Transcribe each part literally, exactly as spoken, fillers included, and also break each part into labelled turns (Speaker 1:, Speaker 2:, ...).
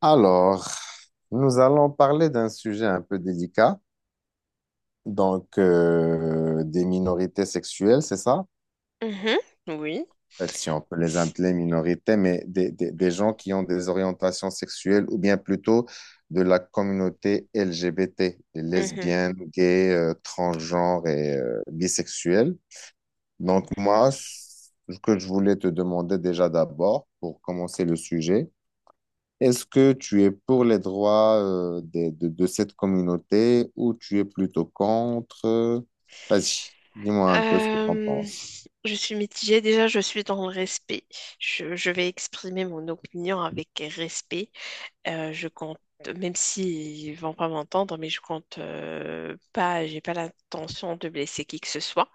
Speaker 1: Alors, nous allons parler d'un sujet un peu délicat, donc euh, des minorités sexuelles, c'est ça?
Speaker 2: Mhm, oui.
Speaker 1: En fait, si on peut les appeler minorités, mais des, des- des gens qui ont des orientations sexuelles ou bien plutôt de la communauté L G B T, les
Speaker 2: Mhm.
Speaker 1: lesbiennes, gays, euh, transgenres et euh, bisexuels. Donc moi, ce que je voulais te demander déjà d'abord, pour commencer le sujet, est-ce que tu es pour les droits euh, des- de, de cette communauté ou tu es plutôt contre? Vas-y, dis-moi un peu ce que tu en
Speaker 2: Euh,
Speaker 1: penses.
Speaker 2: je suis mitigée. Déjà, je suis dans le respect. Je, je vais exprimer mon opinion avec respect. Euh, je compte, même s'ils vont pas m'entendre, mais je compte euh, pas, j'ai pas l'intention de blesser qui que ce soit.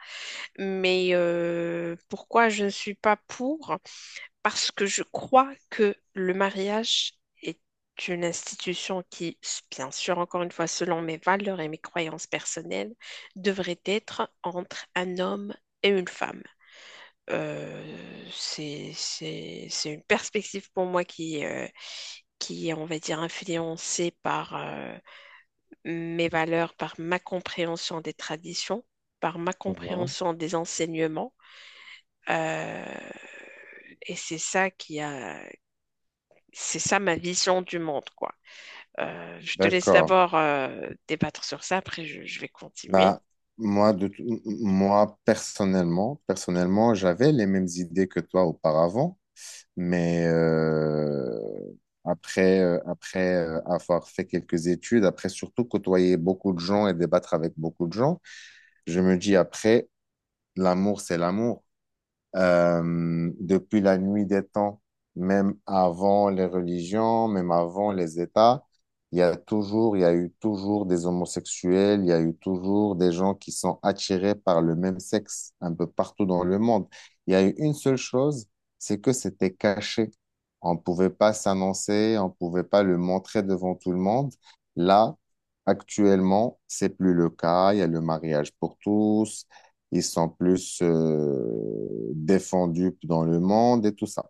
Speaker 2: Mais euh, pourquoi je ne suis pas pour? Parce que je crois que le mariage est une institution qui, bien sûr, encore une fois, selon mes valeurs et mes croyances personnelles, devrait être entre un homme et une femme. Euh, c'est, c'est, c'est une perspective pour moi qui, euh, qui est, on va dire, influencée par euh, mes valeurs, par ma compréhension des traditions, par ma
Speaker 1: Mhm.
Speaker 2: compréhension des enseignements. Euh, et c'est ça qui a, c'est ça ma vision du monde, quoi. Euh, je te laisse
Speaker 1: D'accord.
Speaker 2: d'abord euh, débattre sur ça, après je, je vais continuer.
Speaker 1: Bah, moi, de, tout- m- m- moi, personnellement, personnellement, j'avais les mêmes idées que toi auparavant, mais euh, après, euh, après euh, avoir fait quelques études, après surtout côtoyer beaucoup de gens et débattre avec beaucoup de gens, je me dis après, l'amour, c'est l'amour. Euh, depuis la nuit des temps, même avant les religions, même avant les États, il y a toujours, il y a eu toujours des homosexuels, il y a eu toujours des gens qui sont attirés par le même sexe un peu partout dans le monde. Il y a eu une seule chose, c'est que c'était caché. On ne pouvait pas s'annoncer, on ne pouvait pas le montrer devant tout le monde. Là, actuellement, c'est plus le cas. Il y a le mariage pour tous, ils sont plus euh, défendus dans le monde et tout ça.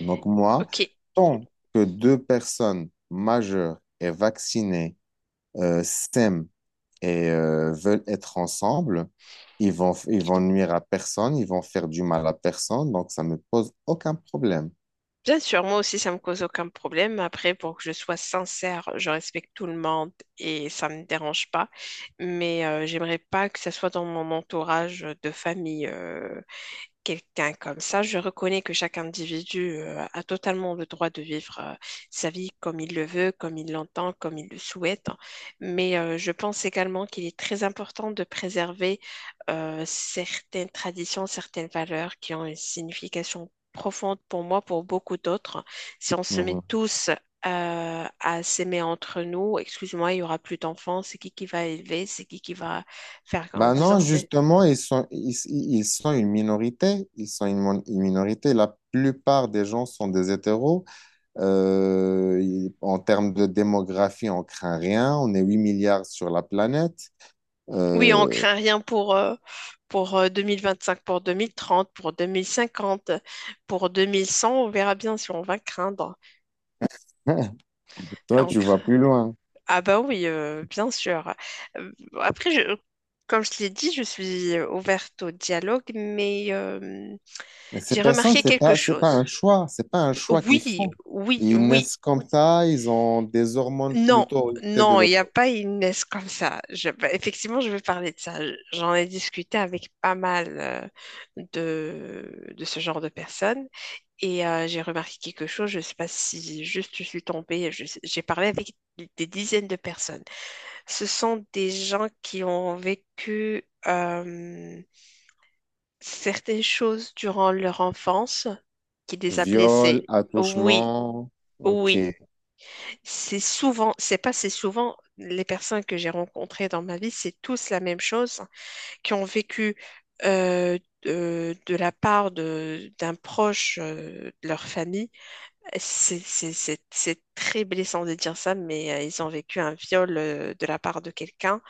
Speaker 1: Donc moi,
Speaker 2: Ok,
Speaker 1: tant que deux personnes majeures et vaccinées euh, s'aiment et euh, veulent être ensemble, ils vont, ils vont nuire à personne, ils vont faire du mal à personne, donc ça me pose aucun problème.
Speaker 2: bien sûr, moi aussi ça me cause aucun problème. Après, pour que je sois sincère, je respecte tout le monde et ça ne me dérange pas. Mais euh, j'aimerais pas que ça soit dans mon entourage de famille. Euh, quelqu'un comme ça. Je reconnais que chaque individu euh, a totalement le droit de vivre euh, sa vie comme il le veut, comme il l'entend, comme il le souhaite. Mais euh, je pense également qu'il est très important de préserver euh, certaines traditions, certaines valeurs qui ont une signification profonde pour moi, pour beaucoup d'autres. Si on se met
Speaker 1: Mhm.
Speaker 2: tous euh, à s'aimer entre nous, excuse-moi, il y aura plus d'enfants, c'est qui qui va élever, c'est qui qui va faire
Speaker 1: Ben non,
Speaker 2: grandir, c'est
Speaker 1: justement, ils sont, ils, ils sont une minorité. Ils sont une, mon- Une minorité. La plupart des gens sont des hétéros. Euh, il- en termes de démographie, on craint rien. On est huit milliards sur la planète.
Speaker 2: Oui, on
Speaker 1: Euh,
Speaker 2: craint rien pour, euh, pour euh, deux mille vingt-cinq, pour deux mille trente, pour deux mille cinquante, pour deux mille cent. On verra bien si on va craindre.
Speaker 1: Toi,
Speaker 2: On
Speaker 1: tu
Speaker 2: cra-
Speaker 1: vas plus loin.
Speaker 2: Ah bah oui, euh, bien sûr. Euh, Après, je- Comme je l'ai dit, je suis euh, ouverte au dialogue, mais euh,
Speaker 1: Mais ces
Speaker 2: j'ai
Speaker 1: personnes,
Speaker 2: remarqué
Speaker 1: c'est
Speaker 2: quelque
Speaker 1: pas, c'est pas un
Speaker 2: chose.
Speaker 1: choix. C'est pas un choix qu'ils
Speaker 2: Oui,
Speaker 1: font.
Speaker 2: oui,
Speaker 1: Ils
Speaker 2: oui.
Speaker 1: naissent comme ça. Ils ont des hormones
Speaker 2: Non,
Speaker 1: plutôt orientées de
Speaker 2: non, il n'y a
Speaker 1: l'autre.
Speaker 2: pas une Inès comme ça. Je- bah, effectivement, je vais parler de ça. J'en ai discuté avec pas mal euh, de, de ce genre de personnes et euh, j'ai remarqué quelque chose. Je ne sais pas si juste je suis tombée. je sais- J'ai parlé avec des dizaines de personnes. Ce sont des gens qui ont vécu euh, certaines choses durant leur enfance qui les a blessés.
Speaker 1: Viol,
Speaker 2: Oui,
Speaker 1: attouchement.
Speaker 2: oui.
Speaker 1: OK.
Speaker 2: C'est souvent, c'est pas c'est souvent, les personnes que j'ai rencontrées dans ma vie, c'est tous la même chose, hein, qui ont vécu euh, de, de la part de d'un proche euh, de leur famille. C'est c'est- c'est- c'est très blessant de dire ça, mais euh, ils ont vécu un viol euh, de la part de quelqu'un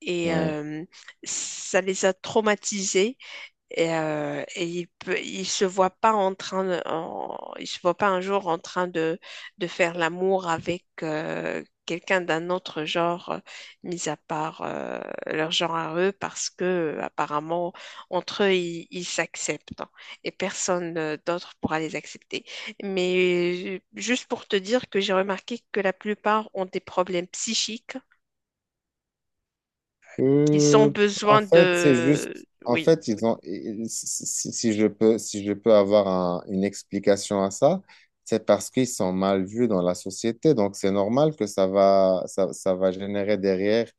Speaker 2: et
Speaker 1: Ouais.
Speaker 2: euh, ça les a traumatisés. Et, euh, et il peut, il se voit pas en train de, en- il se voit pas un jour en train de, de faire l'amour avec euh, quelqu'un d'un autre genre, euh, mis à part euh, leur genre à eux, parce que euh, apparemment entre eux ils ils s'acceptent, hein, et personne euh, d'autre pourra les accepter. Mais euh, juste pour te dire que j'ai remarqué que la plupart ont des problèmes psychiques, qu'ils ont
Speaker 1: Euh, En
Speaker 2: besoin
Speaker 1: fait, c'est
Speaker 2: de,
Speaker 1: juste, en
Speaker 2: oui,
Speaker 1: fait, ils ont, ils- si, si- si si je peux, si je peux avoir un- une explication à ça, c'est parce qu'ils sont mal vus dans la société. Donc, c'est normal que ça va, ça, ça va générer derrière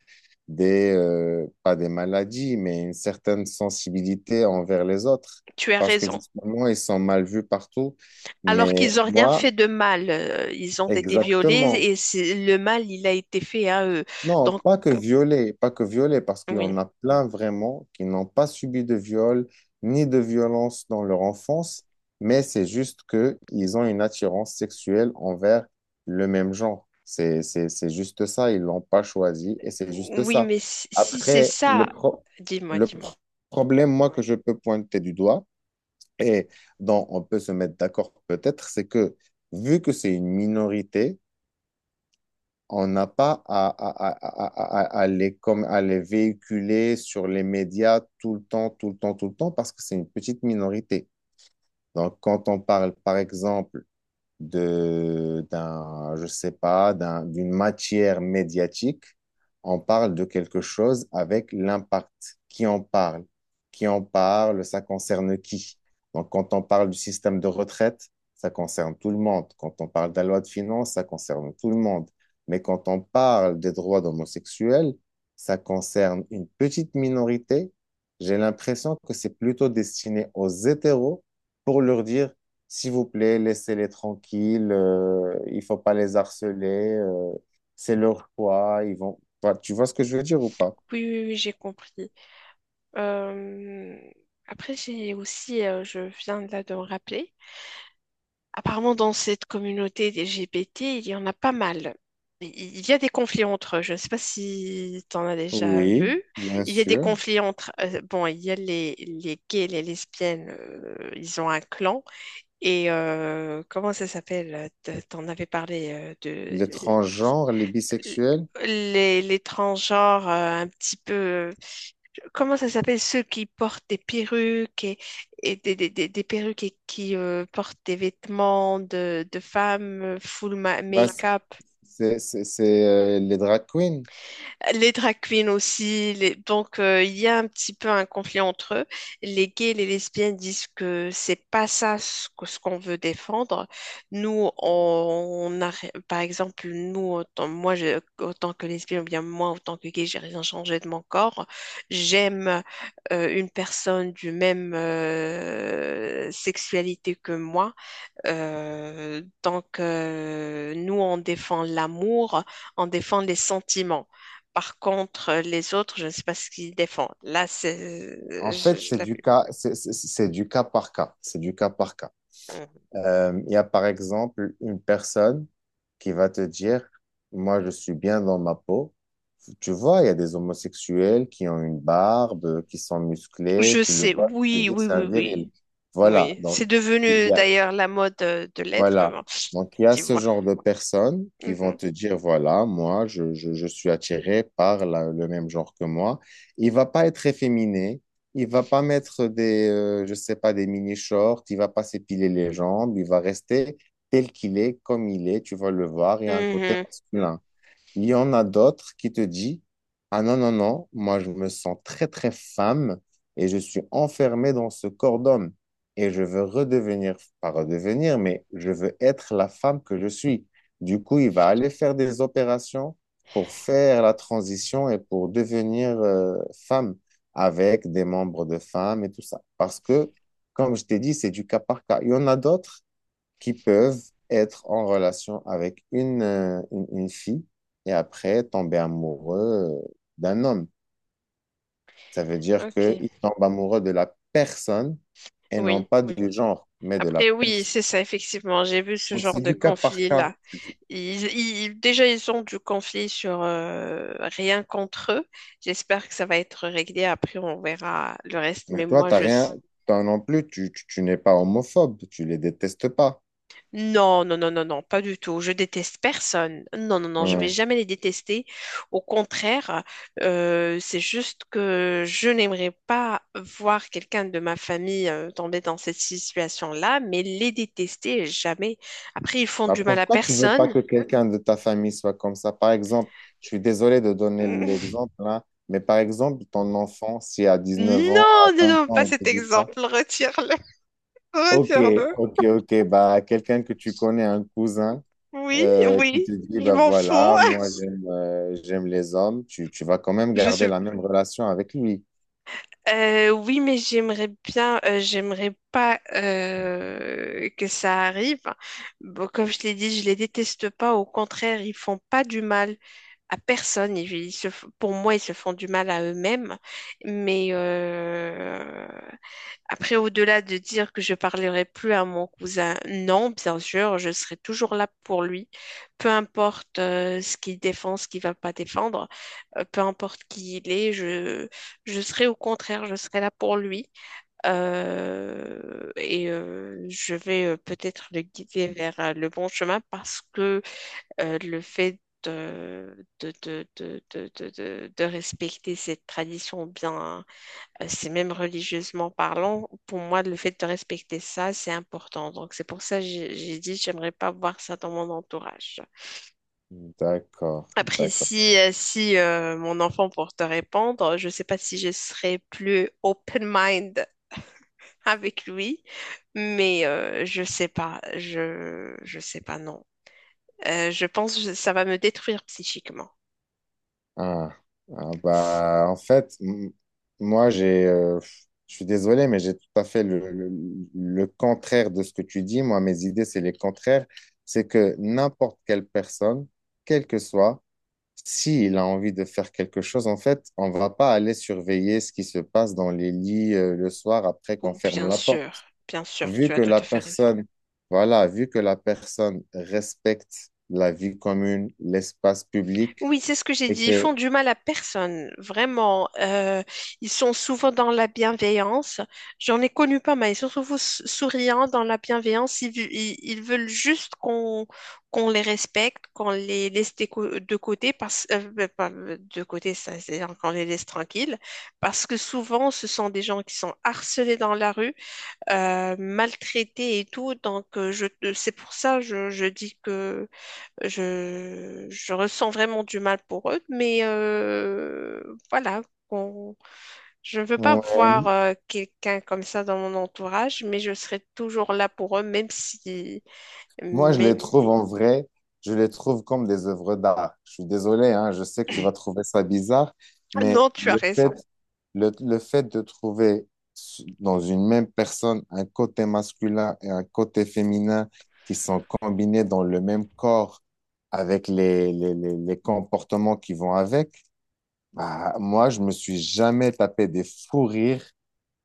Speaker 1: des, euh, pas des maladies, mais une certaine sensibilité envers les autres.
Speaker 2: tu as
Speaker 1: Parce que
Speaker 2: raison.
Speaker 1: justement, ils sont mal vus partout.
Speaker 2: Alors qu'ils
Speaker 1: Mais
Speaker 2: n'ont rien fait
Speaker 1: moi,
Speaker 2: de mal, euh, ils ont été violés
Speaker 1: exactement.
Speaker 2: et c'est- le mal, il a été fait à eux.
Speaker 1: Non,
Speaker 2: Donc,
Speaker 1: pas que
Speaker 2: euh,
Speaker 1: violer, pas que violer, parce qu'il y
Speaker 2: oui,
Speaker 1: en a plein vraiment qui n'ont pas subi de viol ni de violence dans leur enfance, mais c'est juste que ils ont une attirance sexuelle envers le même genre. C'est, c'est, c'est juste ça, ils l'ont pas choisi et c'est juste
Speaker 2: oui,
Speaker 1: ça.
Speaker 2: mais si, si c'est
Speaker 1: Après, le
Speaker 2: ça,
Speaker 1: pro-
Speaker 2: dis-moi,
Speaker 1: le
Speaker 2: dis-moi.
Speaker 1: pro- problème, moi, que je peux pointer du doigt et dont on peut se mettre d'accord peut-être, c'est que vu que c'est une minorité, on n'a pas à, à- à- à- à- les, comme, à les véhiculer sur les médias tout le temps, tout le temps, tout le temps, parce que c'est une petite minorité. Donc, quand on parle, par exemple, de, d'un, je sais pas, d'un, d'une matière médiatique, on parle de quelque chose avec l'impact. Qui en parle? Qui en parle? Ça concerne qui? Donc, quand on parle du système de retraite, ça concerne tout le monde. Quand on parle de la loi de finances, ça concerne tout le monde. Mais quand on parle des droits d'homosexuels, ça concerne une petite minorité. J'ai l'impression que c'est plutôt destiné aux hétéros pour leur dire s'il vous plaît, laissez-les tranquilles. Euh, il faut pas les harceler. Euh, c'est leur choix. Ils vont. Enfin, tu vois ce que je veux dire ou pas?
Speaker 2: Oui, oui, oui, j'ai compris. Euh, après, j'ai aussi, euh, je viens là de me rappeler. Apparemment, dans cette communauté des L G B T, il y en a pas mal. Il il y a des conflits entre eux. Je ne sais pas si tu en as déjà
Speaker 1: Oui,
Speaker 2: vu.
Speaker 1: bien
Speaker 2: Il y a des
Speaker 1: sûr.
Speaker 2: conflits entre… euh, bon, il y a les, les gays, les lesbiennes, euh, ils ont un clan. Et euh, comment ça s'appelle? T- T'en avais parlé euh, de
Speaker 1: Les transgenres, les
Speaker 2: l-
Speaker 1: bisexuels,
Speaker 2: les, les transgenres euh, un petit peu. euh, Comment ça s'appelle? Ceux qui portent des perruques et, et des, des, des, des perruques et qui euh, portent des vêtements de, de femmes, euh, full ma-
Speaker 1: bah, c-
Speaker 2: make-up.
Speaker 1: c'est c'est- c'est, euh, les drag queens.
Speaker 2: Les drag queens aussi. les- Donc, euh, il y a un petit peu un conflit entre eux. Les gays et les lesbiennes disent que c'est pas ça ce que- ce qu'on veut défendre. Nous, on on a, ré- par exemple, nous, autant- moi, je- autant que lesbienne, ou bien moi, autant que gay, j'ai rien changé de mon corps. J'aime euh, une personne du même euh, sexualité que moi. Euh, donc, euh, nous, on défend l'amour, on défend les sentiments. Par contre, euh, les autres, je ne sais pas ce qu'ils défendent. Là, c'est,
Speaker 1: En fait,
Speaker 2: je, je
Speaker 1: c'est
Speaker 2: l'ai vu.
Speaker 1: du cas, c'est c'est- c'est du cas par cas. C'est du cas par cas.
Speaker 2: Hum.
Speaker 1: Euh, il y a par exemple une personne qui va te dire, moi je suis bien dans ma peau. Tu vois, il y a des homosexuels qui ont une barbe, qui sont musclés,
Speaker 2: Je
Speaker 1: tu le
Speaker 2: sais,
Speaker 1: vois, tu te
Speaker 2: oui,
Speaker 1: dis que
Speaker 2: oui,
Speaker 1: c'est un
Speaker 2: oui, oui,
Speaker 1: viril. Voilà,
Speaker 2: oui.
Speaker 1: donc
Speaker 2: C'est
Speaker 1: il
Speaker 2: devenu
Speaker 1: y a,
Speaker 2: d'ailleurs la mode euh, de l'être, mais
Speaker 1: voilà.
Speaker 2: bon,
Speaker 1: Donc, il y a
Speaker 2: tu
Speaker 1: ce
Speaker 2: vois.
Speaker 1: genre de personnes qui vont
Speaker 2: Mhm.
Speaker 1: te dire, voilà, moi, je, je- je suis attiré par la- le même genre que moi. Il va pas être efféminé. Il va pas mettre des, euh, je sais pas, des mini-shorts. Il va pas s'épiler les jambes. Il va rester tel qu'il est, comme il est. Tu vas le voir. Il y a un côté
Speaker 2: Mhm.
Speaker 1: masculin. Il y en a d'autres qui te disent, ah non, non, non, moi je me sens très, très femme et je suis enfermée dans ce corps d'homme et je veux redevenir, pas redevenir, mais je veux être la femme que je suis. Du coup, il va aller faire des opérations pour faire la transition et pour devenir euh, femme avec des membres de femme et tout ça. Parce que, comme je t'ai dit, c'est du cas par cas. Il y en a d'autres qui peuvent être en relation avec une, euh, une, une fille et après tomber amoureux euh, d'un homme. Ça veut dire
Speaker 2: Ok,
Speaker 1: qu'ils tombent amoureux de la personne et non
Speaker 2: oui.
Speaker 1: pas oui, du genre, mais de la
Speaker 2: Après, oui,
Speaker 1: personne.
Speaker 2: c'est ça, effectivement. J'ai vu ce
Speaker 1: Donc c'est
Speaker 2: genre de
Speaker 1: du cas par cas.
Speaker 2: conflit-là. Ils, ils- déjà, ils ont du conflit sur euh, rien contre eux. J'espère que ça va être réglé. Après, on verra le reste. Mais
Speaker 1: Mais toi,
Speaker 2: moi,
Speaker 1: t'as
Speaker 2: je...
Speaker 1: rien,
Speaker 2: s-
Speaker 1: toi non plus, tu, tu, tu n'es pas homophobe, tu les détestes pas.
Speaker 2: Non, non, non, non, non, pas du tout. Je déteste personne. Non, non, non, je vais
Speaker 1: Ouais.
Speaker 2: jamais les détester. Au contraire, euh, c'est juste que je n'aimerais pas voir quelqu'un de ma famille euh, tomber dans cette situation-là, mais les détester jamais. Après, ils font
Speaker 1: Bah,
Speaker 2: du mal à
Speaker 1: pourquoi tu veux pas
Speaker 2: personne.
Speaker 1: que quelqu'un de ta famille soit comme ça? Par exemple, je suis désolé de donner
Speaker 2: Non,
Speaker 1: l'exemple là, mais par exemple, ton enfant, si à dix-neuf ans,
Speaker 2: non,
Speaker 1: à vingt
Speaker 2: non,
Speaker 1: ans,
Speaker 2: pas
Speaker 1: il te
Speaker 2: cet
Speaker 1: dit ça,
Speaker 2: exemple. Retire-le.
Speaker 1: ok,
Speaker 2: Retire-le.
Speaker 1: ok, ok, bah, quelqu'un que tu connais, un cousin,
Speaker 2: Oui,
Speaker 1: euh, qui te
Speaker 2: oui,
Speaker 1: dit,
Speaker 2: je
Speaker 1: bah
Speaker 2: m'en fous.
Speaker 1: voilà, moi j'aime euh, j'aime les hommes, tu, tu vas quand même
Speaker 2: Je suis.
Speaker 1: garder la même relation avec lui.
Speaker 2: Euh, oui, mais j'aimerais bien, euh, j'aimerais pas euh, que ça arrive. Bon, comme je l'ai dit, je les déteste pas. Au contraire, ils font pas du mal à personne. Ils, ils se f- pour moi, ils se font du mal à eux-mêmes. Mais euh, Après, au-delà de dire que je parlerai plus à mon cousin, non, bien sûr, je serai toujours là pour lui, peu importe euh, ce qu'il défend, ce qu'il va pas défendre, euh, peu importe qui il est, je, je serai au contraire, je serai là pour lui. Euh, et euh, je vais euh, peut-être le guider vers euh, le bon chemin parce que euh, le fait de, de, de, de, de, de, de- de respecter cette tradition bien. euh, C'est même religieusement parlant, pour moi, le fait de respecter ça, c'est important. Donc, c'est pour ça que j'ai j'ai dit, j'aimerais pas voir ça dans mon entourage.
Speaker 1: D'accord,
Speaker 2: Après,
Speaker 1: d'accord.
Speaker 2: si, euh, si euh, mon enfant, pour te répondre, je sais pas si je serais plus open-mind avec lui, mais euh, je sais pas, je, je sais pas, non. Euh, je pense que ça va me détruire psychiquement.
Speaker 1: Ah, ah, bah, en fait, m- moi, j'ai, euh, je suis désolé, mais j'ai tout à fait le, le- le contraire de ce que tu dis. Moi, mes idées, c'est les contraires. C'est que n'importe quelle personne, quel que soit, s'il a envie de faire quelque chose, en fait, on va pas aller surveiller ce qui se passe dans les lits, euh, le soir après qu'on
Speaker 2: Ou
Speaker 1: ferme
Speaker 2: bien
Speaker 1: la porte.
Speaker 2: sûr, bien sûr,
Speaker 1: Vu
Speaker 2: tu as
Speaker 1: que
Speaker 2: tout
Speaker 1: la
Speaker 2: à fait raison.
Speaker 1: personne, Voilà, vu que la personne respecte la vie commune, l'espace public,
Speaker 2: Oui, c'est ce que j'ai
Speaker 1: et
Speaker 2: dit. Ils
Speaker 1: que,
Speaker 2: font du mal à personne, vraiment. Euh, ils sont souvent dans la bienveillance. J'en ai connu pas mal. Ils sont souvent s- souriants dans la bienveillance. Ils, vu- ils- ils veulent juste qu'on qu'on les respecte, qu'on les laisse de, co- de côté, parce, euh, bah, pas de côté, ça, c'est-à-dire qu'on les laisse tranquilles, parce que souvent, ce sont des gens qui sont harcelés dans la rue, euh, maltraités et tout. Donc, euh, je, euh, c'est pour ça je, je dis que je, je ressens vraiment du mal pour eux, mais euh, voilà. qu'on- Je ne veux pas voir
Speaker 1: ouais.
Speaker 2: euh, quelqu'un comme ça dans mon entourage, mais je serai toujours là pour eux, même si…
Speaker 1: Moi, je les
Speaker 2: Mais…
Speaker 1: trouve en vrai, je les trouve comme des œuvres d'art. Je suis désolé, hein, je sais que tu vas trouver ça bizarre,
Speaker 2: Ah non,
Speaker 1: mais
Speaker 2: tu as
Speaker 1: le
Speaker 2: raison.
Speaker 1: fait, le, le fait de trouver su- dans une même personne un côté masculin et un côté féminin qui sont combinés dans le même corps avec les, les, les, les comportements qui vont avec, bah, moi, je me suis jamais tapé des fous rires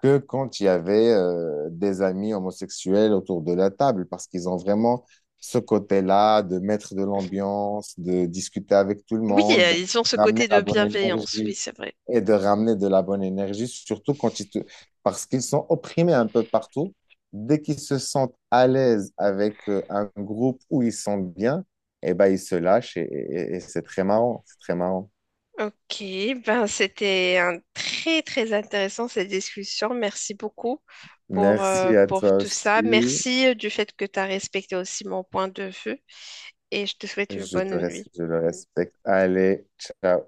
Speaker 1: que quand il y avait euh, des amis homosexuels autour de la table, parce qu'ils ont vraiment ce côté-là de mettre de l'ambiance, de discuter avec tout le
Speaker 2: Oui, euh,
Speaker 1: monde,
Speaker 2: ils ont ce
Speaker 1: d'amener
Speaker 2: côté de
Speaker 1: la bonne
Speaker 2: bienveillance, oui,
Speaker 1: énergie
Speaker 2: c'est vrai.
Speaker 1: et de ramener de la bonne énergie, surtout quand ils te... parce qu'ils sont opprimés un peu partout. Dès qu'ils se sentent à l'aise avec euh, un groupe où ils sont bien, eh ben, ils se lâchent et, et et c'est très marrant, c'est très marrant.
Speaker 2: Ok, ben c'était un très très intéressant cette discussion. Merci beaucoup pour, euh,
Speaker 1: Merci à
Speaker 2: pour
Speaker 1: toi
Speaker 2: tout ça.
Speaker 1: aussi.
Speaker 2: Merci euh, du fait que tu as respecté aussi mon point de vue et je te souhaite une
Speaker 1: Je
Speaker 2: bonne
Speaker 1: te, res-
Speaker 2: nuit.
Speaker 1: je le respecte. Allez, ciao.